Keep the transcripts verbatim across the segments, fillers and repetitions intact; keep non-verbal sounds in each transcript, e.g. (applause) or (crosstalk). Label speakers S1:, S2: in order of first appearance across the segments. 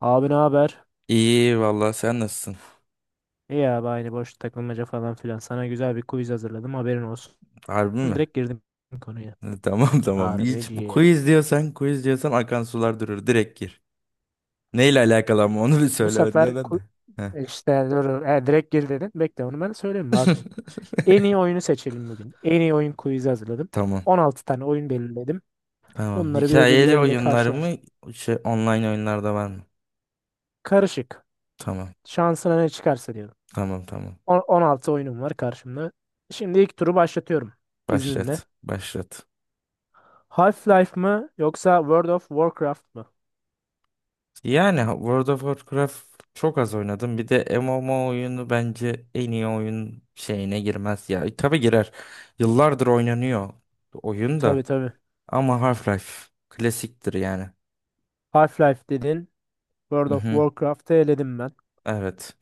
S1: Abi ne haber?
S2: İyi vallahi sen nasılsın?
S1: İyi abi aynı boş takılmaca falan filan. Sana güzel bir quiz hazırladım haberin olsun.
S2: Harbi mi? (laughs)
S1: Direkt girdim konuya.
S2: Ha, Tamam, tamam. Hiç bu
S1: Harbiciye.
S2: quiz diyorsan, quiz diyorsan akan sular durur. Direkt gir. Neyle alakalı ama onu (laughs) bir
S1: Bu
S2: söyle
S1: sefer
S2: önceden de.
S1: ku-
S2: Heh.
S1: işte dur, e, direkt gir dedin. Bekle onu ben söyleyeyim rahat ol.
S2: (laughs)
S1: En iyi oyunu seçelim bugün. En iyi oyun quiz'i hazırladım.
S2: Tamam.
S1: on altı tane oyun belirledim.
S2: Tamam.
S1: Bunları
S2: Hikayeli
S1: birbirleriyle
S2: oyunlar mı?
S1: karşılaştım.
S2: Şey, online oyunlarda var mı?
S1: Karışık.
S2: Tamam.
S1: Şansına ne çıkarsa diyorum.
S2: Tamam, tamam.
S1: On- 16 oyunum var karşımda. Şimdi ilk turu başlatıyorum izninle.
S2: Başlat. Başlat.
S1: Half-Life mı yoksa World of Warcraft mı?
S2: Yani World of Warcraft çok az oynadım. Bir de M M O oyunu bence en iyi oyun şeyine girmez ya. E, Tabii girer. Yıllardır oynanıyor oyun
S1: Tabii
S2: da.
S1: tabii.
S2: Ama Half-Life klasiktir yani.
S1: Half-Life dedin. World of
S2: Mhm.
S1: Warcraft'ı eledim ben.
S2: Evet.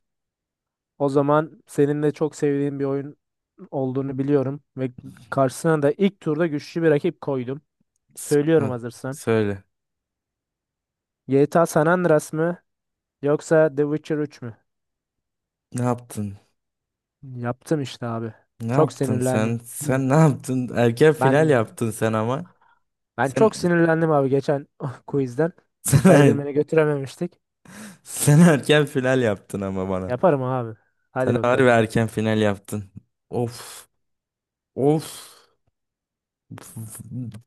S1: O zaman senin de çok sevdiğin bir oyun olduğunu biliyorum ve karşısına da ilk turda güçlü bir rakip koydum. Söylüyorum
S2: Sıkı-
S1: hazırsan.
S2: Söyle.
S1: G T A San Andreas mı yoksa The Witcher üç mü?
S2: Ne yaptın?
S1: Yaptım işte abi.
S2: Ne
S1: Çok
S2: yaptın
S1: sinirlendim.
S2: sen?
S1: Hmm.
S2: Sen ne yaptın? Erken
S1: Ben
S2: final yaptın sen ama.
S1: ben
S2: Sen
S1: çok
S2: (laughs)
S1: sinirlendim abi geçen (laughs) quizden.
S2: sen,
S1: Spider-Man'i götürememiştik.
S2: sen erken final yaptın ama bana.
S1: Yaparım abi. Hadi
S2: Sen harbi
S1: bakalım.
S2: erken final yaptın. Of. Of.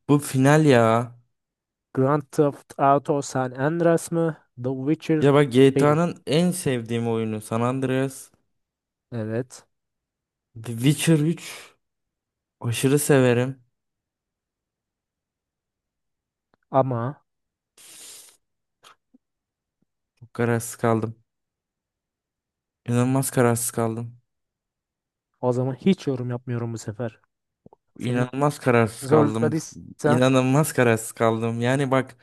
S2: Bu final ya.
S1: Grand Theft Auto San Andreas mı? The Witcher
S2: Ya bak,
S1: üç.
S2: G T A'nın en sevdiğim oyunu San Andreas.
S1: Evet.
S2: The Witcher üç aşırı severim.
S1: Ama
S2: Çok kararsız kaldım. İnanılmaz kararsız kaldım.
S1: o zaman hiç yorum yapmıyorum bu sefer. Seni
S2: İnanılmaz kararsız kaldım.
S1: zorladıysam
S2: İnanılmaz kararsız kaldım. Yani bak,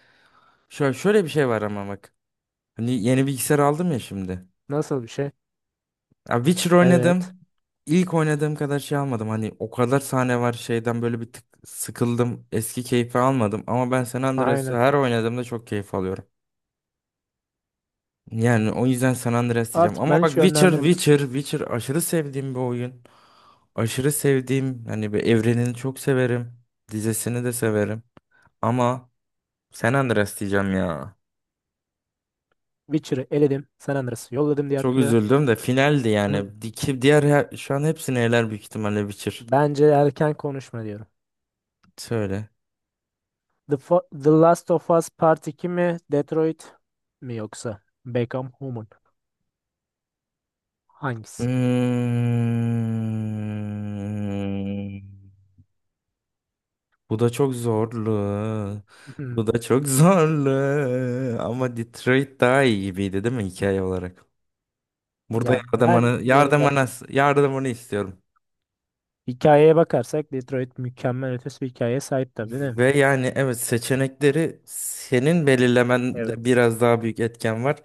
S2: şöyle, şöyle bir şey var ama bak. Hani yeni bilgisayar aldım ya şimdi.
S1: nasıl bir şey?
S2: Ya Witcher
S1: Evet.
S2: oynadım. İlk oynadığım kadar şey almadım. Hani o kadar sahne var şeyden böyle bir tık sıkıldım. Eski keyfi almadım. Ama ben San Andreas'ı
S1: Aynen.
S2: her oynadığımda çok keyif alıyorum. Yani o yüzden San Andreas diyeceğim.
S1: Artık
S2: Ama
S1: ben
S2: bak,
S1: hiç
S2: Witcher,
S1: yönlendirmiyorum.
S2: Witcher, Witcher aşırı sevdiğim bir oyun. Aşırı sevdiğim, hani bir evrenini çok severim, dizesini de severim. Ama San Andreas diyeceğim ya.
S1: Witcher'ı eledim. San Andreas'ı yolladım diğer
S2: Çok
S1: tura.
S2: üzüldüm de finaldi
S1: (clears throat) Hı.
S2: yani. Di- ki Diğer her- şu an hepsini eler büyük ihtimalle Witcher.
S1: Bence erken konuşma diyorum.
S2: Söyle.
S1: The, Fo- The Last of Us Part iki mi? Detroit mi yoksa? Become Human. Hangisi?
S2: Hmm. Bu da çok zorlu.
S1: (clears throat) Hı.
S2: Bu da çok (laughs) zorlu. Ama Detroit daha iyi gibiydi değil mi hikaye olarak? Burada
S1: Ya ben
S2: yardımını,
S1: yorum
S2: yardımını,
S1: yapmıyorum.
S2: yardımını istiyorum.
S1: Hikayeye bakarsak Detroit mükemmel ötesi bir hikayeye sahip tabii değil mi?
S2: Ve yani evet, seçenekleri senin belirlemende
S1: Evet.
S2: biraz daha büyük etken var.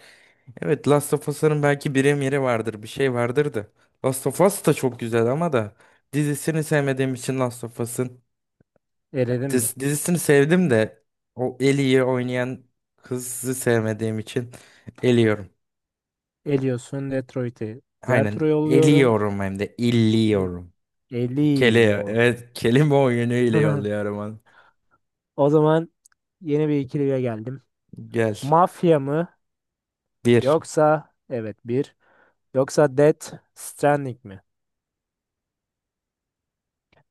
S2: Evet, Last of Us'ın belki yeri vardır, bir şey vardır da. Last of Us da çok güzel ama da dizisini sevmediğim için, Last of Us'ın
S1: Eledim mi?
S2: diz- dizisini sevdim de o Ellie'yi oynayan kızı sevmediğim için eliyorum.
S1: Ediyorsun Detroit'i. Diğer
S2: Aynen
S1: tura yolluyorum.
S2: eliyorum, hem de
S1: Hı.
S2: illiyorum. Bir kele,
S1: Eliyorum.
S2: evet, kelime oyunu ile
S1: (laughs)
S2: yolluyorum onu.
S1: O zaman yeni bir ikiliye geldim.
S2: Gel.
S1: Mafya mı?
S2: Bir.
S1: Yoksa evet bir. Yoksa Death Stranding mi?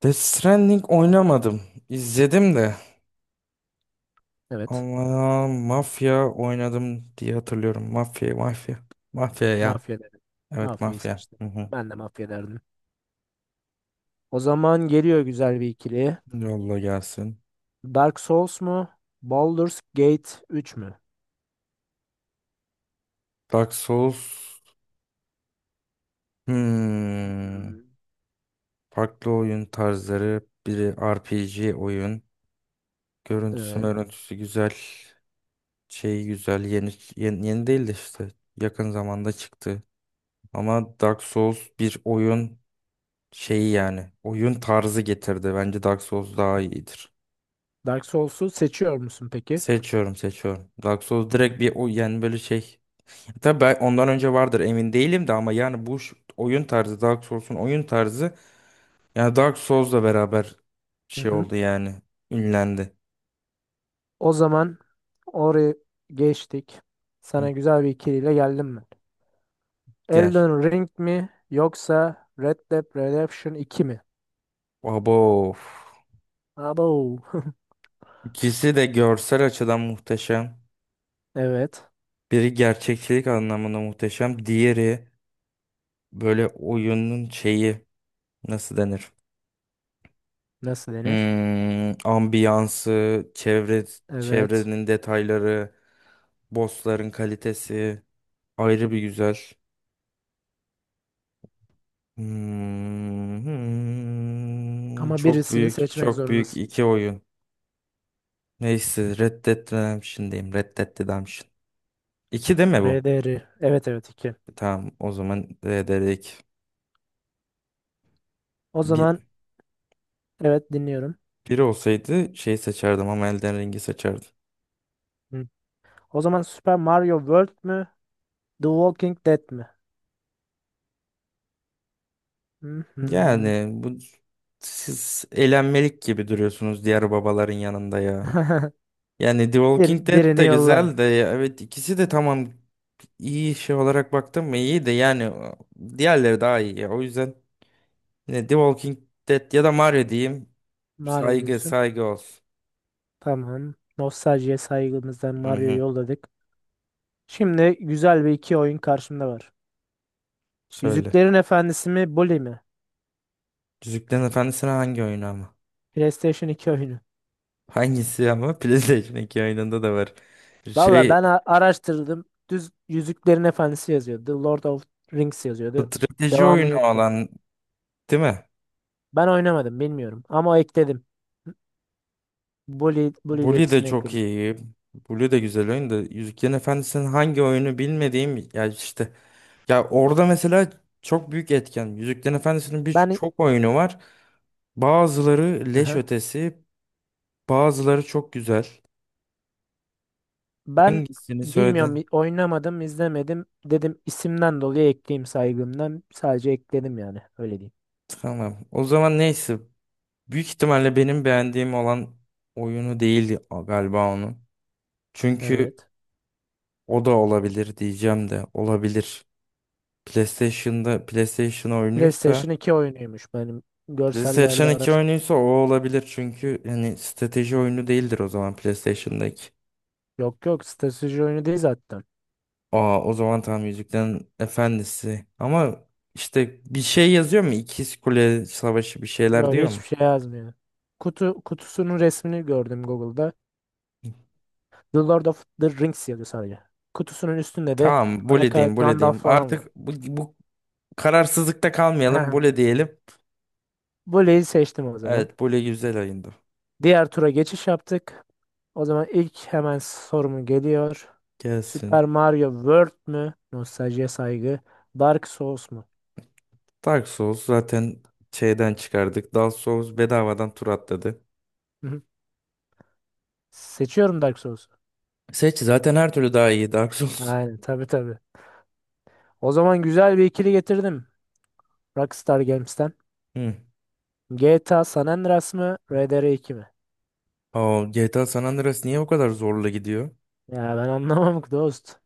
S2: Death Stranding oynamadım. İzledim de.
S1: Evet.
S2: Ama mafya oynadım diye hatırlıyorum. Mafya, mafya. Mafya ya.
S1: Mafya dedim.
S2: Evet,
S1: Mafyayı
S2: mafya.
S1: seçtim.
S2: Hı hı.
S1: Ben de mafya derdim. O zaman geliyor güzel bir ikili.
S2: Yolla gelsin.
S1: Dark Souls mu? Baldur's Gate üç mü?
S2: Dark Souls. Hmm.
S1: Hı.
S2: Farklı oyun tarzları. Biri R P G oyun. Görüntüsü
S1: Evet.
S2: görüntüsü güzel. Şey güzel. Yeni, yeni, yeni değil de işte. Yakın zamanda çıktı. Ama Dark Souls bir oyun şeyi yani. Oyun tarzı getirdi. Bence Dark Souls daha iyidir.
S1: Dark Souls'u seçiyor musun peki?
S2: Seçiyorum, seçiyorum. Dark Souls direkt bir o yani, böyle şey. Tabii ben ondan önce vardır emin değilim de ama yani bu ş- oyun tarzı, Dark Souls'un oyun tarzı, yani Dark Souls'la beraber
S1: Hı
S2: şey
S1: hı.
S2: oldu yani, ünlendi.
S1: O zaman oraya geçtik.
S2: Hı,
S1: Sana güzel bir ikiliyle geldim ben.
S2: gel.
S1: Elden Ring mi yoksa Red Dead Redemption iki mi?
S2: Abo.
S1: Abo. (laughs)
S2: İkisi de görsel açıdan muhteşem.
S1: Evet.
S2: Biri gerçekçilik anlamında muhteşem. Diğeri böyle oyunun şeyi, nasıl denir?
S1: Nasıl denir?
S2: Hmm, ambiyansı, çevre,
S1: Evet.
S2: çevrenin detayları. Bossların kalitesi ayrı bir güzel. Hmm, hmm.
S1: Ama
S2: Çok
S1: birisini
S2: büyük,
S1: seçmek
S2: çok büyük
S1: zorundasın.
S2: iki oyun. Neyse, Red Dead Redemption'dayım. Red Dead Redemption. İki değil mi bu?
S1: R D R. Evet evet iki.
S2: Tamam, o zaman R D R iki.
S1: O
S2: Bir,
S1: zaman evet dinliyorum.
S2: biri olsaydı şey seçerdim, ama Elden Ring'i seçerdim.
S1: Hı. O zaman Super Mario World mü? The Walking Dead mi? Hı hı.
S2: Yani bu, siz elenmelik gibi duruyorsunuz diğer babaların yanında ya.
S1: (laughs)
S2: Yani The
S1: Bir,
S2: Walking Dead
S1: birini
S2: de
S1: yollam.
S2: güzel de ya, evet, ikisi de tamam. İyi şey olarak baktım mı iyi de yani, e, diğerleri daha iyi ya. O yüzden ne The Walking Dead ya da Mario diyeyim.
S1: Mario
S2: Saygı,
S1: diyorsun.
S2: saygı olsun.
S1: Tamam. Nostaljiye saygımızdan
S2: Hı
S1: Mario'yu
S2: hı.
S1: yolladık. Şimdi güzel bir iki oyun karşımda var.
S2: Söyle.
S1: Yüzüklerin Efendisi mi? Bully mi?
S2: Yüzüklerin Efendisi'ne hangi oyunu ama?
S1: PlayStation iki oyunu.
S2: Hangisi ama? (laughs) PlayStation iki oyununda da var.
S1: Valla
S2: Şey
S1: ben a- araştırdım. Düz Yüzüklerin Efendisi yazıyordu. The Lord of Rings yazıyordu.
S2: Strateji
S1: Devamı
S2: oyunu
S1: yoktu.
S2: olan değil mi?
S1: Ben oynamadım bilmiyorum ama ekledim. Bully, Bully ile
S2: Bully de
S1: ikisini
S2: çok
S1: ekledim.
S2: iyi. Bully de güzel oyun da, Yüzüklerin Efendisi'nin hangi oyunu bilmediğim ya işte, ya orada mesela çok büyük etken. Yüzüklerin Efendisi'nin
S1: Ben
S2: birçok oyunu var. Bazıları leş
S1: Aha.
S2: ötesi, bazıları çok güzel.
S1: Ben
S2: Hangisini söyledin?
S1: bilmiyorum, i- oynamadım, izlemedim, dedim isimden dolayı ekleyeyim, saygımdan sadece ekledim, yani öyle diyeyim.
S2: Tamam. O zaman neyse. Büyük ihtimalle benim beğendiğim olan oyunu değildi galiba onun. Çünkü
S1: Evet.
S2: o da olabilir diyeceğim, de olabilir. PlayStation'da, PlayStation oyunuysa,
S1: PlayStation iki oyunuymuş benim görsellerde
S2: PlayStation iki
S1: araştır.
S2: oyunuysa o olabilir, çünkü yani strateji oyunu değildir o zaman PlayStation'daki.
S1: Yok yok strateji oyunu değil zaten.
S2: Aa, o zaman tam Yüzüklerin Efendisi. Ama işte bir şey yazıyor mu? İkiz Kule Savaşı bir şeyler
S1: Yok
S2: diyor mu?
S1: hiçbir şey yazmıyor. Kutu kutusunun resmini gördüm Google'da. The Lord of the Rings yazıyor sadece. Kutusunun üstünde de
S2: Tamam,
S1: ana
S2: böyle diyeyim,
S1: karakter
S2: böyle
S1: Gandalf
S2: diyeyim.
S1: falan var.
S2: Artık bu, bu kararsızlıkta kalmayalım,
S1: (laughs)
S2: böyle diyelim.
S1: Bully'yi seçtim o zaman.
S2: Evet, böyle güzel ayında.
S1: Diğer tura geçiş yaptık. O zaman ilk hemen sorumu geliyor.
S2: Gelsin.
S1: Super Mario World mü? Nostaljiye saygı. Dark Souls mu?
S2: Dark Souls zaten şeyden çıkardık. Dark Souls bedavadan tur atladı.
S1: Hı hı. Seçiyorum Dark Souls'u.
S2: Seç, zaten her türlü daha iyi Dark Souls.
S1: Aynen tabii tabii. O zaman güzel bir ikili getirdim. Rockstar Games'ten.
S2: Hı.
S1: G T A San Andreas mı? R D R iki mi?
S2: Aa, G T A San Andreas niye o kadar zorla gidiyor?
S1: Ya ben anlamam ki dost.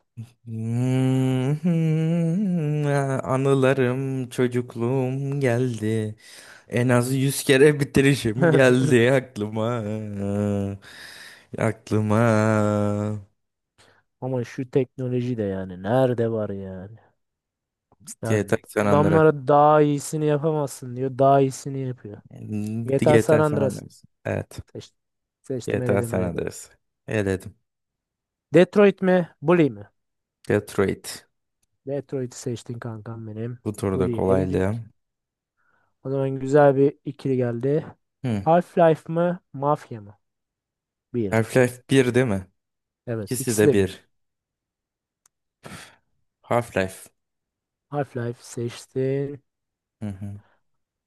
S2: Hmm, (laughs) anılarım, çocukluğum geldi. En az yüz kere bitirişim
S1: (laughs)
S2: geldi aklıma. Aklıma.
S1: Ama şu teknoloji de yani nerede var yani?
S2: G T A
S1: Yani
S2: San Andreas.
S1: adamlara daha iyisini yapamazsın diyor. Daha iyisini yapıyor.
S2: Hmm,
S1: G T A San
S2: G T A San
S1: Andreas.
S2: Andreas. Evet.
S1: Seç, seçtim
S2: G T A
S1: eledim
S2: San
S1: eledim.
S2: Andreas. Eledim.
S1: Detroit mi? Bully mi?
S2: Detroit.
S1: Detroit'i seçtin kankam benim.
S2: Bu turda
S1: Bully'yi
S2: kolaylığı.
S1: eledik. O zaman güzel bir ikili geldi.
S2: Hmm.
S1: Half-Life mı? Mafya mı? Bir tabii.
S2: Half-Life bir değil mi?
S1: Evet
S2: İkisi
S1: ikisi
S2: de
S1: de bir.
S2: bir. Half-Life.
S1: Half-Life seçtin.
S2: Hı hı.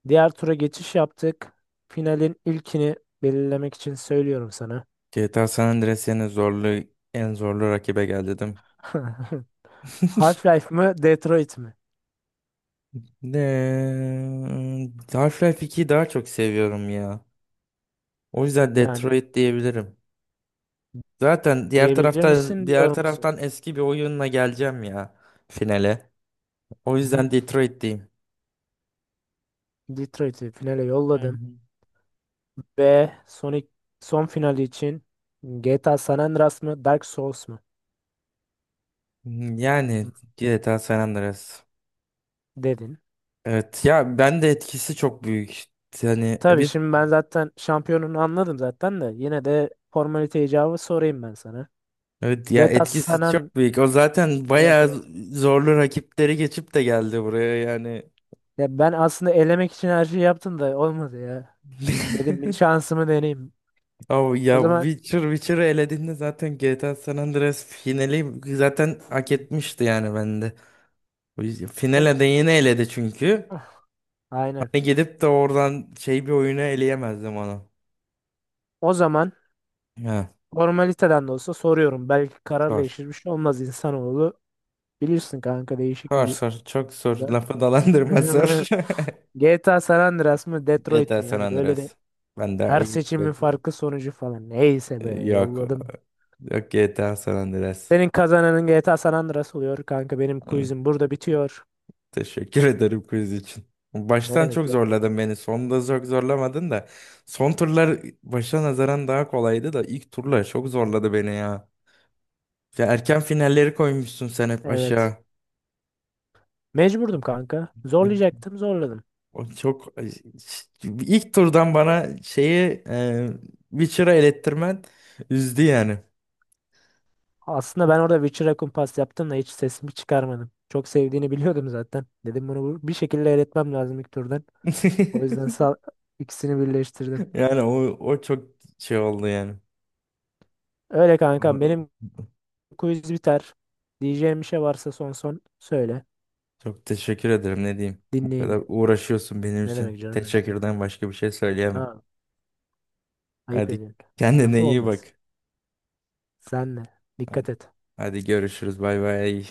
S1: Diğer tura geçiş yaptık. Finalin ilkini belirlemek için söylüyorum sana.
S2: G T A San Andreas yine zorlu, en zorlu rakibe geldi değil mi?
S1: (laughs) Half-Life mı? Detroit mi?
S2: Ne? Half-Life ikiyi daha çok seviyorum ya. O yüzden
S1: Yani
S2: Detroit diyebilirim. Zaten diğer
S1: diyebilir
S2: taraftan
S1: misin
S2: diğer
S1: diyor musun?
S2: taraftan eski bir oyunla geleceğim ya finale. O
S1: Hı hı.
S2: yüzden Detroit diyeyim.
S1: Detroit'i finale
S2: Hı
S1: yolladım.
S2: hı.
S1: Ve Sonic son finali için G T A San Andreas mı Dark Souls mu? Hı,
S2: Yani G T A San Andreas.
S1: dedin.
S2: Evet ya, ben de etkisi çok büyük. Yani
S1: Tabii
S2: evet,
S1: şimdi ben zaten şampiyonunu anladım zaten de yine de formalite icabı sorayım ben sana.
S2: evet ya,
S1: GTA San
S2: etkisi
S1: An-
S2: çok büyük. O zaten
S1: Evet
S2: bayağı
S1: evet.
S2: zorlu rakipleri geçip de geldi buraya yani.
S1: Ya ben aslında elemek için her şeyi yaptım da olmadı ya. Dedim bir
S2: (laughs)
S1: şansımı deneyeyim.
S2: Abi
S1: O
S2: ya,
S1: zaman
S2: Witcher Witcher'ı elediğinde zaten G T A San Andreas finali zaten hak etmişti yani bende. O yüzden-
S1: o-
S2: finale de yine eledi çünkü.
S1: Ah, aynen.
S2: Hani gidip de oradan şey bir oyunu eleyemezdim onu.
S1: O zaman
S2: Ha,
S1: formaliteden de olsa soruyorum. Belki karar
S2: sor
S1: değişir bir şey olmaz insanoğlu. Bilirsin kanka değişik
S2: sor
S1: bir
S2: sor çok sor, lafı dalandırma zor.
S1: (laughs) G T A San Andreas mı Detroit
S2: G T A (laughs)
S1: mi?
S2: San
S1: Yani böyle de
S2: Andreas. Ben de
S1: her
S2: ayıp
S1: seçimin
S2: bekliyorum.
S1: farkı sonucu falan. Neyse be
S2: Yok.
S1: yolladım.
S2: Yok, G T A San Andreas.
S1: Senin kazananın G T A San Andreas oluyor kanka. Benim
S2: Hı.
S1: quizim burada bitiyor.
S2: Teşekkür ederim quiz için.
S1: Ne
S2: Baştan
S1: demek
S2: çok
S1: yani?
S2: zorladın beni. Sonunda çok zorlamadın da. Son turlar başa nazaran daha kolaydı da ilk turlar çok zorladı beni ya. Ya erken finalleri koymuşsun sen hep
S1: Evet.
S2: aşağı.
S1: Mecburdum kanka.
S2: Ay,
S1: Zorlayacaktım zorladım.
S2: O çok ay, ş- ilk turdan bana şeyi e, Witcher'a elettirmen üzdü yani.
S1: Aslında ben orada Witcher'a kumpas yaptım da hiç sesimi çıkarmadım. Çok sevdiğini biliyordum zaten. Dedim bunu bu- bir şekilde eletmem lazım ilk turdan. O yüzden
S2: (laughs)
S1: sağ, ikisini birleştirdim.
S2: Yani o, o çok şey oldu yani.
S1: Öyle kankam
S2: Ama
S1: benim quiz biter. Diyeceğim bir şey varsa son son söyle.
S2: Çok teşekkür ederim, ne diyeyim. Bu kadar
S1: Dinleyeyim.
S2: uğraşıyorsun benim
S1: Ne
S2: için.
S1: demek canım benim?
S2: Teşekkürden başka bir şey söyleyemem.
S1: Ha, ayıp
S2: Hadi,
S1: ediyorsun.
S2: kendine
S1: Lafı
S2: iyi
S1: olmaz.
S2: bak.
S1: Sen de.
S2: Hadi,
S1: Dikkat et.
S2: hadi görüşürüz. Bay bay.